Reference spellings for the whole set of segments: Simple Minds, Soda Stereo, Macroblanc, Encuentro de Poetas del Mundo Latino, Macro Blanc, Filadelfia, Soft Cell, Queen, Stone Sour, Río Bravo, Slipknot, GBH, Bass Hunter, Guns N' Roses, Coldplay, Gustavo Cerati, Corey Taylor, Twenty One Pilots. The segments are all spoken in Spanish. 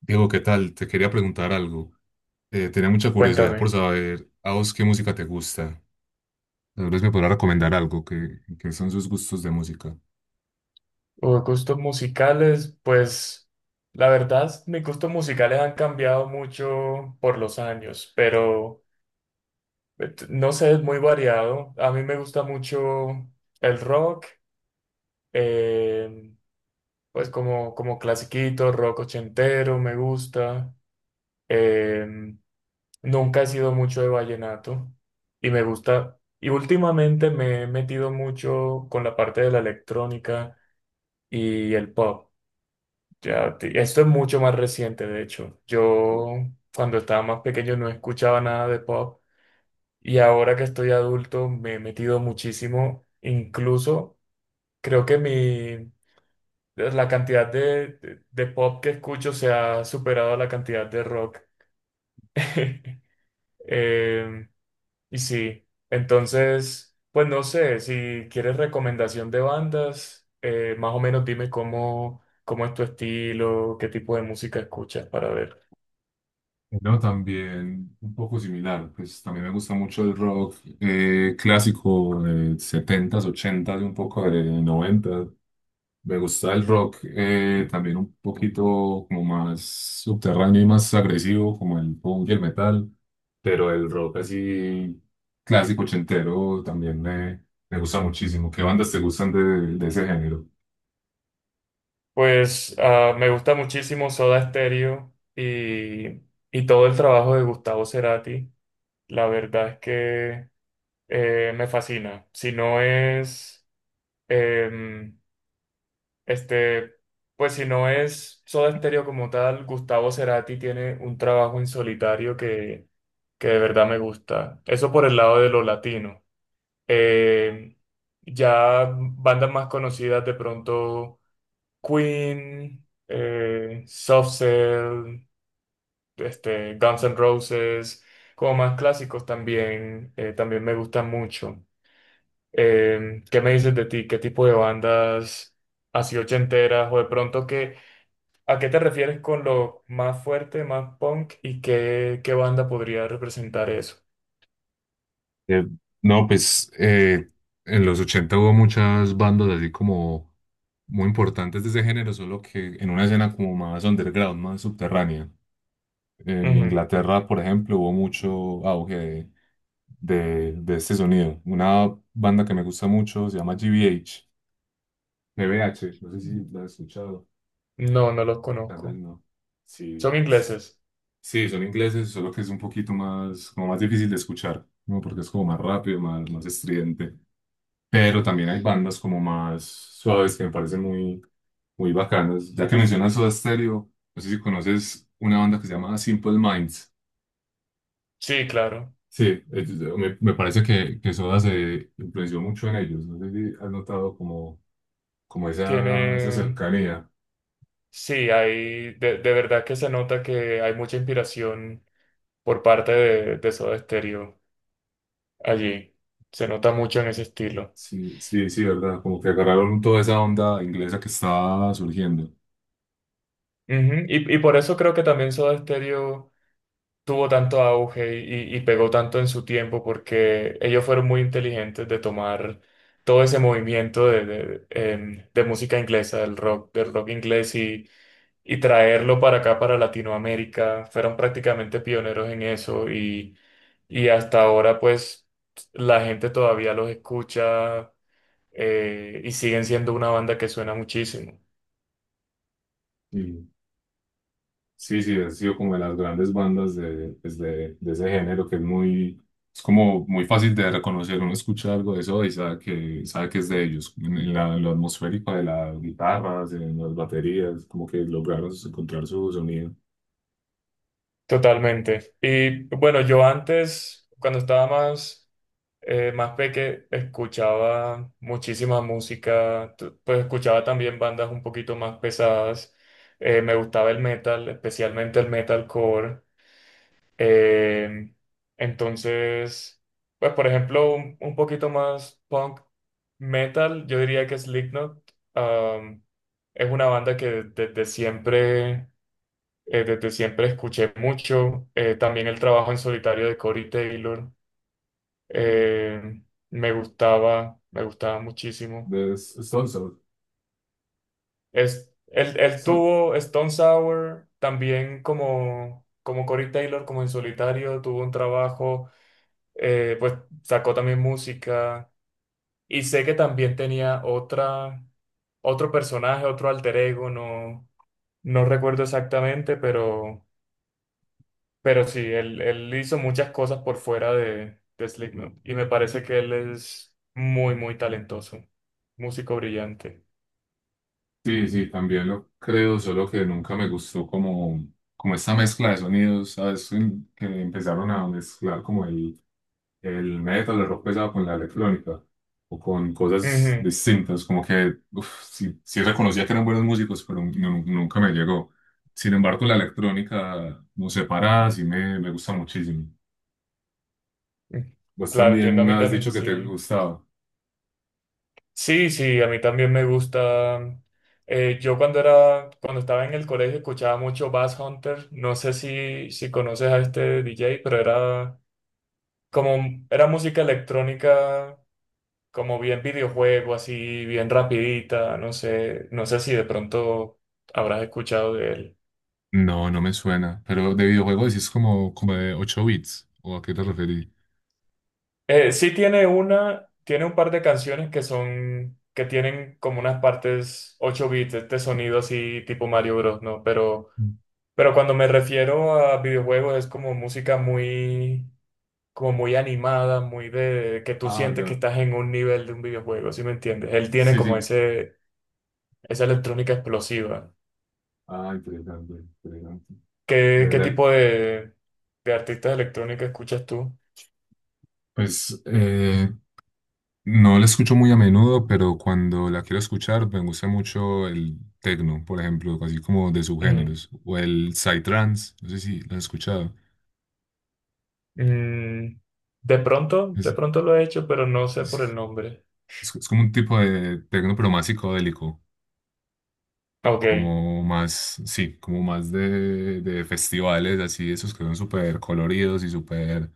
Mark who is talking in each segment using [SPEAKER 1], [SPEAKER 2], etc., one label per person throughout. [SPEAKER 1] Diego, ¿qué tal? Te quería preguntar algo. Tenía mucha curiosidad por
[SPEAKER 2] Cuéntame,
[SPEAKER 1] saber a vos qué música te gusta. Tal vez me podrás recomendar algo que son sus gustos de música.
[SPEAKER 2] o gustos musicales, pues la verdad, mis gustos musicales han cambiado mucho por los años, pero no sé, es muy variado. A mí me gusta mucho el rock, eh, pues como clasiquito, rock ochentero, me gusta. Eh, Nunca he sido mucho de vallenato y me gusta, y últimamente me he metido mucho con la parte de la electrónica y el pop. Esto es mucho más reciente, de hecho. Yo cuando estaba más pequeño no escuchaba nada de pop y ahora que estoy adulto me he metido muchísimo. Incluso creo que la cantidad de pop que escucho se ha superado a la cantidad de rock. Em, y sí, entonces, pues no sé, si quieres recomendación de bandas, más o menos dime cómo es tu estilo, qué tipo de música escuchas para ver.
[SPEAKER 1] No, también un poco similar, pues también me gusta mucho el rock, clásico de setentas, ochentas y un poco de noventas. Me gusta el rock, también un poquito como más subterráneo y más agresivo, como el punk y el metal, pero el rock así clásico ochentero también me gusta muchísimo. ¿Qué bandas te gustan de ese género?
[SPEAKER 2] Pues ah, me gusta muchísimo Soda Stereo y todo el trabajo de Gustavo Cerati. La verdad es que me fascina. Si no es, em, este, Pues si no es Soda Stereo como tal, Gustavo Cerati tiene un trabajo en solitario que de verdad me gusta. Eso por el lado de lo latino. Em, ya bandas más conocidas de pronto. Queen, Soft Cell, Guns N' Roses, como más clásicos también, también me gustan mucho. ¿Qué me dices de ti? ¿Qué tipo de bandas así ochenteras o de pronto a qué te refieres con lo más fuerte, más punk y qué banda podría representar eso?
[SPEAKER 1] Eh, no, pues en los 80 hubo muchas bandas así como muy importantes de ese género, solo que en una escena como más underground, más subterránea. En
[SPEAKER 2] Ujú.
[SPEAKER 1] Inglaterra, por ejemplo, hubo mucho auge de este sonido. Una banda que me gusta mucho se llama GBH. GBH, no sé si la has escuchado,
[SPEAKER 2] No, no los
[SPEAKER 1] tal vez
[SPEAKER 2] conozco.
[SPEAKER 1] no. Sí,
[SPEAKER 2] ¿Son
[SPEAKER 1] s-
[SPEAKER 2] ingleses?
[SPEAKER 1] sí, son ingleses, solo que es un poquito más, como más difícil de escuchar, ¿no? Porque es como más rápido, más estridente. Pero también hay bandas como más suaves que me parecen muy bacanas. Ya que mencionas Soda Stereo, no sé si conoces una banda que se llama Simple Minds.
[SPEAKER 2] Sí, claro.
[SPEAKER 1] Sí, me parece que Soda se influenció mucho en ellos. No sé si has notado como esa
[SPEAKER 2] Tienen.
[SPEAKER 1] cercanía.
[SPEAKER 2] Sí, hay, de verdad que se nota que hay mucha inspiración por parte de Soda Stereo allí. Se nota mucho en ese estilo.
[SPEAKER 1] Sí, sí, sí, ¿verdad? Como que agarraron toda esa onda inglesa que estaba surgiendo.
[SPEAKER 2] Ujú. Y por eso creo que también Soda Stereo tuvo tanto auge y pegó tanto en su tiempo porque ellos fueron muy inteligentes de tomar todo ese movimiento de, de de música inglesa, del rock inglés y traerlo para acá, para Latinoamérica. Fueron prácticamente pioneros en eso y hasta ahora pues la gente todavía los escucha y siguen siendo una banda que suena muchísimo.
[SPEAKER 1] Sí, sí, ha sido como de las grandes bandas de ese género que es muy, es como muy fácil de reconocer. Uno escucha algo de eso y sabe que es de ellos. En en lo atmosférico de las guitarras, en las baterías, como que lograron encontrar su sonido.
[SPEAKER 2] Totalmente. Y bueno, yo antes, cuando estaba más, más peque, escuchaba muchísima música, pues escuchaba también bandas un poquito más pesadas. Me gustaba el metal, especialmente el metalcore. Eh, entonces, pues por ejemplo, un poquito más punk metal, yo diría que Slipknot, um, es una banda que desde siempre escuché mucho. También el trabajo en solitario de Corey Taylor eh, me gustaba muchísimo.
[SPEAKER 1] Es- es todo
[SPEAKER 2] Es, él
[SPEAKER 1] Son-
[SPEAKER 2] tuvo Stone Sour también como, como Corey Taylor, como en solitario, tuvo un trabajo, pues sacó también música. Y sé que también tenía otro personaje, otro alter ego, no, no recuerdo exactamente, pero... Pero sí, él hizo muchas cosas por fuera de Slipknot y me parece que él es muy, muy talentoso, músico brillante.
[SPEAKER 1] sí, sí, también lo creo, solo que nunca me gustó como esta mezcla de sonidos, ¿sabes? Que empezaron a mezclar como el metal, el rock pesado con la electrónica o con cosas
[SPEAKER 2] Ujú.
[SPEAKER 1] distintas, como que uf, sí, sí reconocía que eran buenos músicos, pero nunca me llegó. Sin embargo, la electrónica, no sé, parada, sí me gusta muchísimo. Vos
[SPEAKER 2] Claro, entiendo,
[SPEAKER 1] también
[SPEAKER 2] a
[SPEAKER 1] me
[SPEAKER 2] mí
[SPEAKER 1] has
[SPEAKER 2] también,
[SPEAKER 1] dicho que te
[SPEAKER 2] sí.
[SPEAKER 1] gustaba.
[SPEAKER 2] Sí, sí, a mí también me gusta. Yo cuando era, cuando estaba en el colegio escuchaba mucho Bass Hunter. No sé si, si conoces a este DJ, pero era como, era música electrónica como bien videojuego, así bien rapidita, no sé, no sé si de pronto habrás escuchado de él.
[SPEAKER 1] No, no me suena. Pero de videojuego decís como de 8 bits. ¿O a qué te referís?
[SPEAKER 2] Sí tiene una, tiene un par de canciones que son, que tienen como unas partes 8 bits, este sonido así tipo Mario Bros, ¿no?
[SPEAKER 1] Mm.
[SPEAKER 2] Pero cuando me refiero a videojuegos es como música muy, como muy animada, muy de, que tú
[SPEAKER 1] Ah,
[SPEAKER 2] sientes que
[SPEAKER 1] ya.
[SPEAKER 2] estás en un nivel de un videojuego, ¿sí me entiendes? Él tiene
[SPEAKER 1] Sí,
[SPEAKER 2] como
[SPEAKER 1] sí.
[SPEAKER 2] ese, esa electrónica explosiva.
[SPEAKER 1] Ah, interesante, interesante.
[SPEAKER 2] ¿Qué,
[SPEAKER 1] De
[SPEAKER 2] qué
[SPEAKER 1] verdad,
[SPEAKER 2] tipo de artistas electrónicos escuchas tú?
[SPEAKER 1] pues no la escucho muy a menudo, pero cuando la quiero escuchar me gusta mucho el techno, por ejemplo, así como de
[SPEAKER 2] Mm,
[SPEAKER 1] subgéneros, o el psytrance, no sé si lo has escuchado.
[SPEAKER 2] mm, de
[SPEAKER 1] Es,
[SPEAKER 2] pronto lo he hecho, pero no sé por el
[SPEAKER 1] es-
[SPEAKER 2] nombre.
[SPEAKER 1] es como un tipo de techno, pero más psicodélico,
[SPEAKER 2] Ok,
[SPEAKER 1] como más, sí, como más de festivales, así, esos que son súper coloridos y súper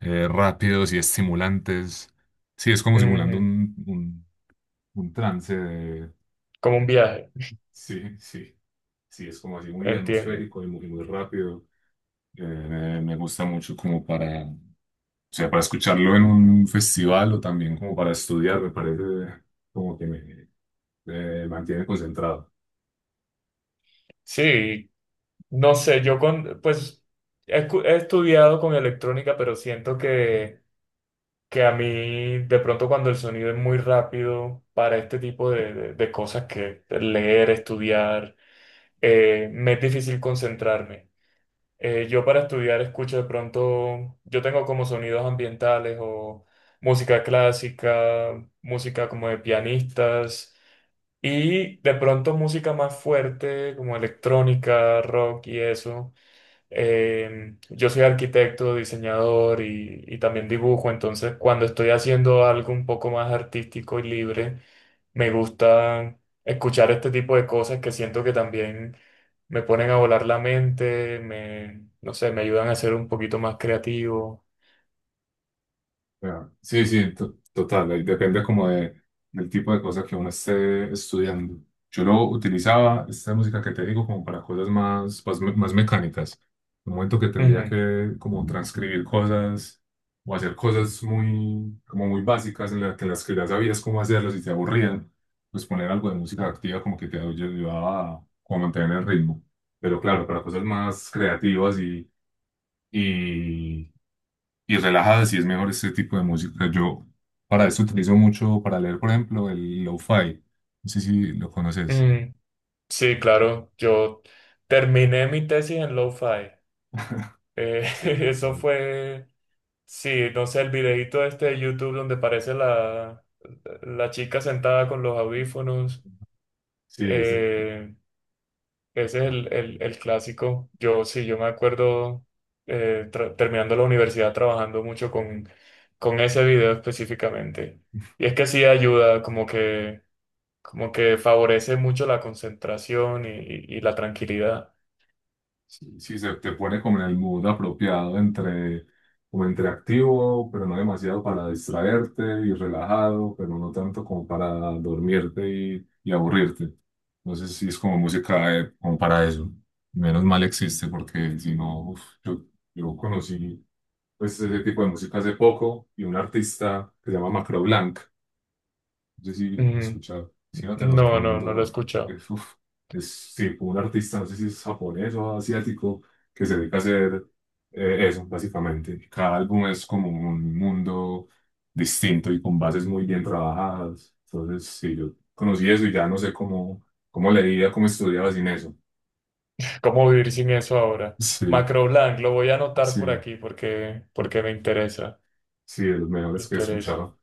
[SPEAKER 1] rápidos y estimulantes. Sí, es como simulando
[SPEAKER 2] ujú.
[SPEAKER 1] un trance.
[SPEAKER 2] Como un viaje,
[SPEAKER 1] Sí, sí. Sí, es como así muy
[SPEAKER 2] entiendo.
[SPEAKER 1] atmosférico y muy rápido. Me gusta mucho como para, o sea, para escucharlo en un festival o también como para estudiar, me parece como que me, me mantiene concentrado.
[SPEAKER 2] Sí, no sé, yo con, pues he estudiado con electrónica, pero siento que a mí de pronto cuando el sonido es muy rápido para este tipo de, de cosas que leer, estudiar, me es difícil concentrarme. Yo para estudiar escucho de pronto, yo tengo como sonidos ambientales o música clásica, música como de pianistas y de pronto música más fuerte como electrónica, rock y eso. Yo soy arquitecto, diseñador y también dibujo, entonces cuando estoy haciendo algo un poco más artístico y libre, me gusta escuchar este tipo de cosas que siento que también me ponen a volar la mente, me, no sé, me ayudan a ser un poquito más creativo.
[SPEAKER 1] Ya. Sí, sí, total. Ahí depende como del tipo de cosas que uno esté estudiando. Yo lo utilizaba, esta música que te digo, como para cosas más mecánicas. Un momento que tendría
[SPEAKER 2] Ujú,
[SPEAKER 1] que como transcribir cosas o hacer cosas muy, como muy básicas en, que las que ya sabías cómo hacerlas y te aburrían, pues poner algo de música activa como que te ayudaba a como mantener el ritmo. Pero claro, para cosas más creativas y y relajada, sí es mejor este tipo de música. Yo para esto utilizo mucho para leer, por ejemplo, el lo-fi. No sé si lo conoces.
[SPEAKER 2] ujú. Sí, claro, yo terminé mi tesis en lo-fi.
[SPEAKER 1] Sí,
[SPEAKER 2] Eso
[SPEAKER 1] ¿verdad?
[SPEAKER 2] fue. Sí, no sé, el videito este de YouTube donde aparece la, la chica sentada con los audífonos.
[SPEAKER 1] Sí, es el-
[SPEAKER 2] eh, Ese es el, el clásico. Yo sí, yo me acuerdo terminando la universidad trabajando mucho con ese video específicamente. Y es que sí ayuda, como que favorece mucho la concentración y, y la tranquilidad.
[SPEAKER 1] sí, sí, se te pone como en el mood apropiado entre, como entre activo, pero no demasiado para distraerte y relajado, pero no tanto como para dormirte y aburrirte. No sé si es como música como para eso. Menos mal existe porque si no, uf, yo conocí, pues, ese tipo de música hace poco y un artista que se llama Macro Blanc. No sé si lo has
[SPEAKER 2] Ujú.
[SPEAKER 1] escuchado. Si no, te lo
[SPEAKER 2] No, no, no lo he
[SPEAKER 1] recomiendo.
[SPEAKER 2] escuchado.
[SPEAKER 1] Es, uf, es tipo un artista, no sé si es japonés o asiático, que se dedica a hacer eso, básicamente. Cada álbum es como un mundo distinto y con bases muy bien trabajadas. Entonces, sí, yo conocí eso y ya no sé cómo leía, cómo estudiaba sin eso.
[SPEAKER 2] ¿Cómo vivir sin eso ahora?
[SPEAKER 1] Sí,
[SPEAKER 2] Macroblanc, lo voy a anotar por
[SPEAKER 1] sí,
[SPEAKER 2] aquí porque, porque me interesa.
[SPEAKER 1] sí, de los
[SPEAKER 2] Me
[SPEAKER 1] mejores que he
[SPEAKER 2] interesa.
[SPEAKER 1] escuchado.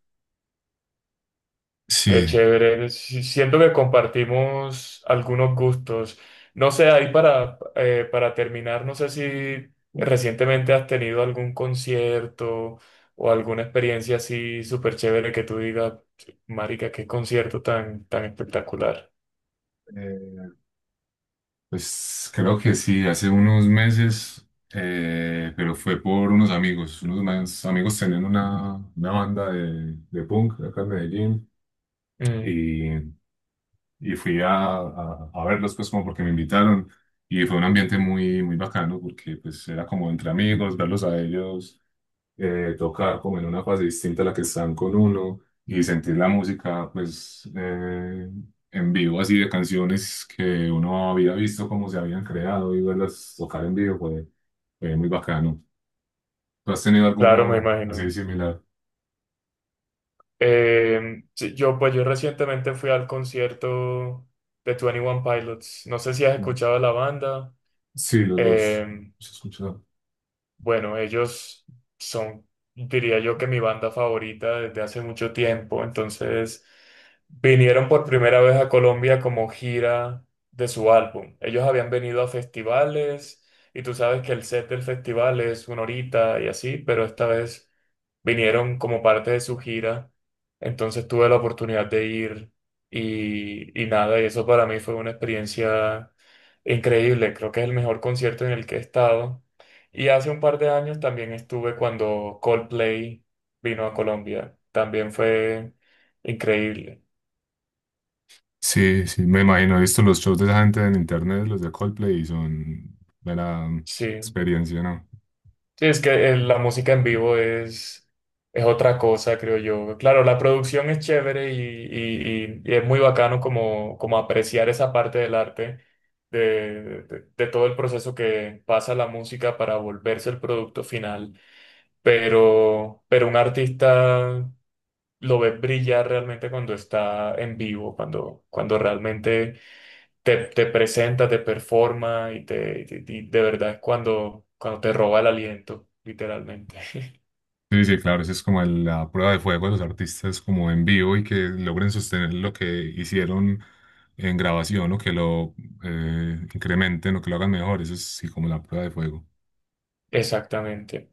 [SPEAKER 2] Qué
[SPEAKER 1] Sí.
[SPEAKER 2] chévere. Si- Siento que compartimos algunos gustos. No sé, ahí para terminar, no sé si recientemente has tenido algún concierto o alguna experiencia así súper chévere que tú digas, marica, qué concierto tan, tan espectacular.
[SPEAKER 1] Eh, Pues creo que sí, hace unos meses, pero fue por unos amigos. Unos más amigos tenían una banda de punk acá en Medellín
[SPEAKER 2] Mm,
[SPEAKER 1] y, y fui a verlos pues como porque me invitaron y fue un ambiente muy bacano porque pues era como entre amigos, verlos a ellos tocar como en una fase distinta a la que están con uno y sentir la música pues en vivo así de canciones que uno había visto cómo se habían creado y verlas tocar en vivo fue muy bacano. ¿Tú has tenido
[SPEAKER 2] claro, me
[SPEAKER 1] alguno así
[SPEAKER 2] imagino.
[SPEAKER 1] similar?
[SPEAKER 2] Sí, yo, pues yo recientemente fui al concierto de Twenty One Pilots. No sé si has escuchado la banda.
[SPEAKER 1] Sí,
[SPEAKER 2] Eh,
[SPEAKER 1] los escucho.
[SPEAKER 2] bueno, ellos son, diría yo, que mi banda favorita desde hace mucho tiempo. Entonces, vinieron por primera vez a Colombia como gira de su álbum. Ellos habían venido a festivales y tú sabes que el set del festival es una horita y así, pero esta vez vinieron como parte de su gira. Entonces tuve la oportunidad de ir y nada, y eso para mí fue una experiencia increíble. Creo que es el mejor concierto en el que he estado. Y hace un par de años también estuve cuando Coldplay vino a Colombia. También fue increíble.
[SPEAKER 1] Sí, sí, me imagino. He visto los shows de esa gente en internet, los de Coldplay, y son mera
[SPEAKER 2] Sí.
[SPEAKER 1] experiencia, ¿no?
[SPEAKER 2] Sí, es que la música en vivo es otra cosa, creo yo. Claro, la producción es chévere y, y es muy bacano como, como apreciar esa parte del arte, de todo el proceso que pasa la música para volverse el producto final. Pero un artista lo ves brillar realmente cuando está en vivo, cuando, cuando realmente te, te presenta, te performa y, y de verdad es cuando, cuando te roba el aliento, literalmente.
[SPEAKER 1] Sí, sí, claro, esa es como la prueba de fuego de los artistas como en vivo y que logren sostener lo que hicieron en grabación o que lo incrementen o que lo hagan mejor. Eso es sí como la prueba de fuego.
[SPEAKER 2] Exactamente,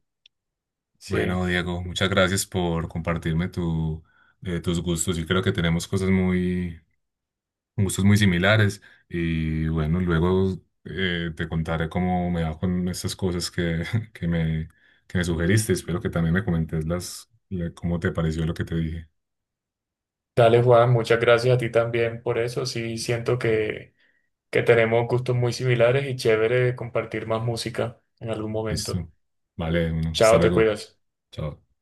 [SPEAKER 2] sí.
[SPEAKER 1] Bueno, Diego, muchas gracias por compartirme tus gustos. Yo creo que tenemos cosas muy, gustos muy similares y bueno, luego te contaré cómo me va con esas cosas que me, que me sugeriste. Espero que también me comentes cómo te pareció lo que te dije.
[SPEAKER 2] Dale, Juan, muchas gracias a ti también por eso. Sí, siento que tenemos gustos muy similares y chévere compartir más música en algún momento.
[SPEAKER 1] Listo. Vale, uno. Hasta
[SPEAKER 2] Chao, te
[SPEAKER 1] luego.
[SPEAKER 2] cuidas.
[SPEAKER 1] Chao.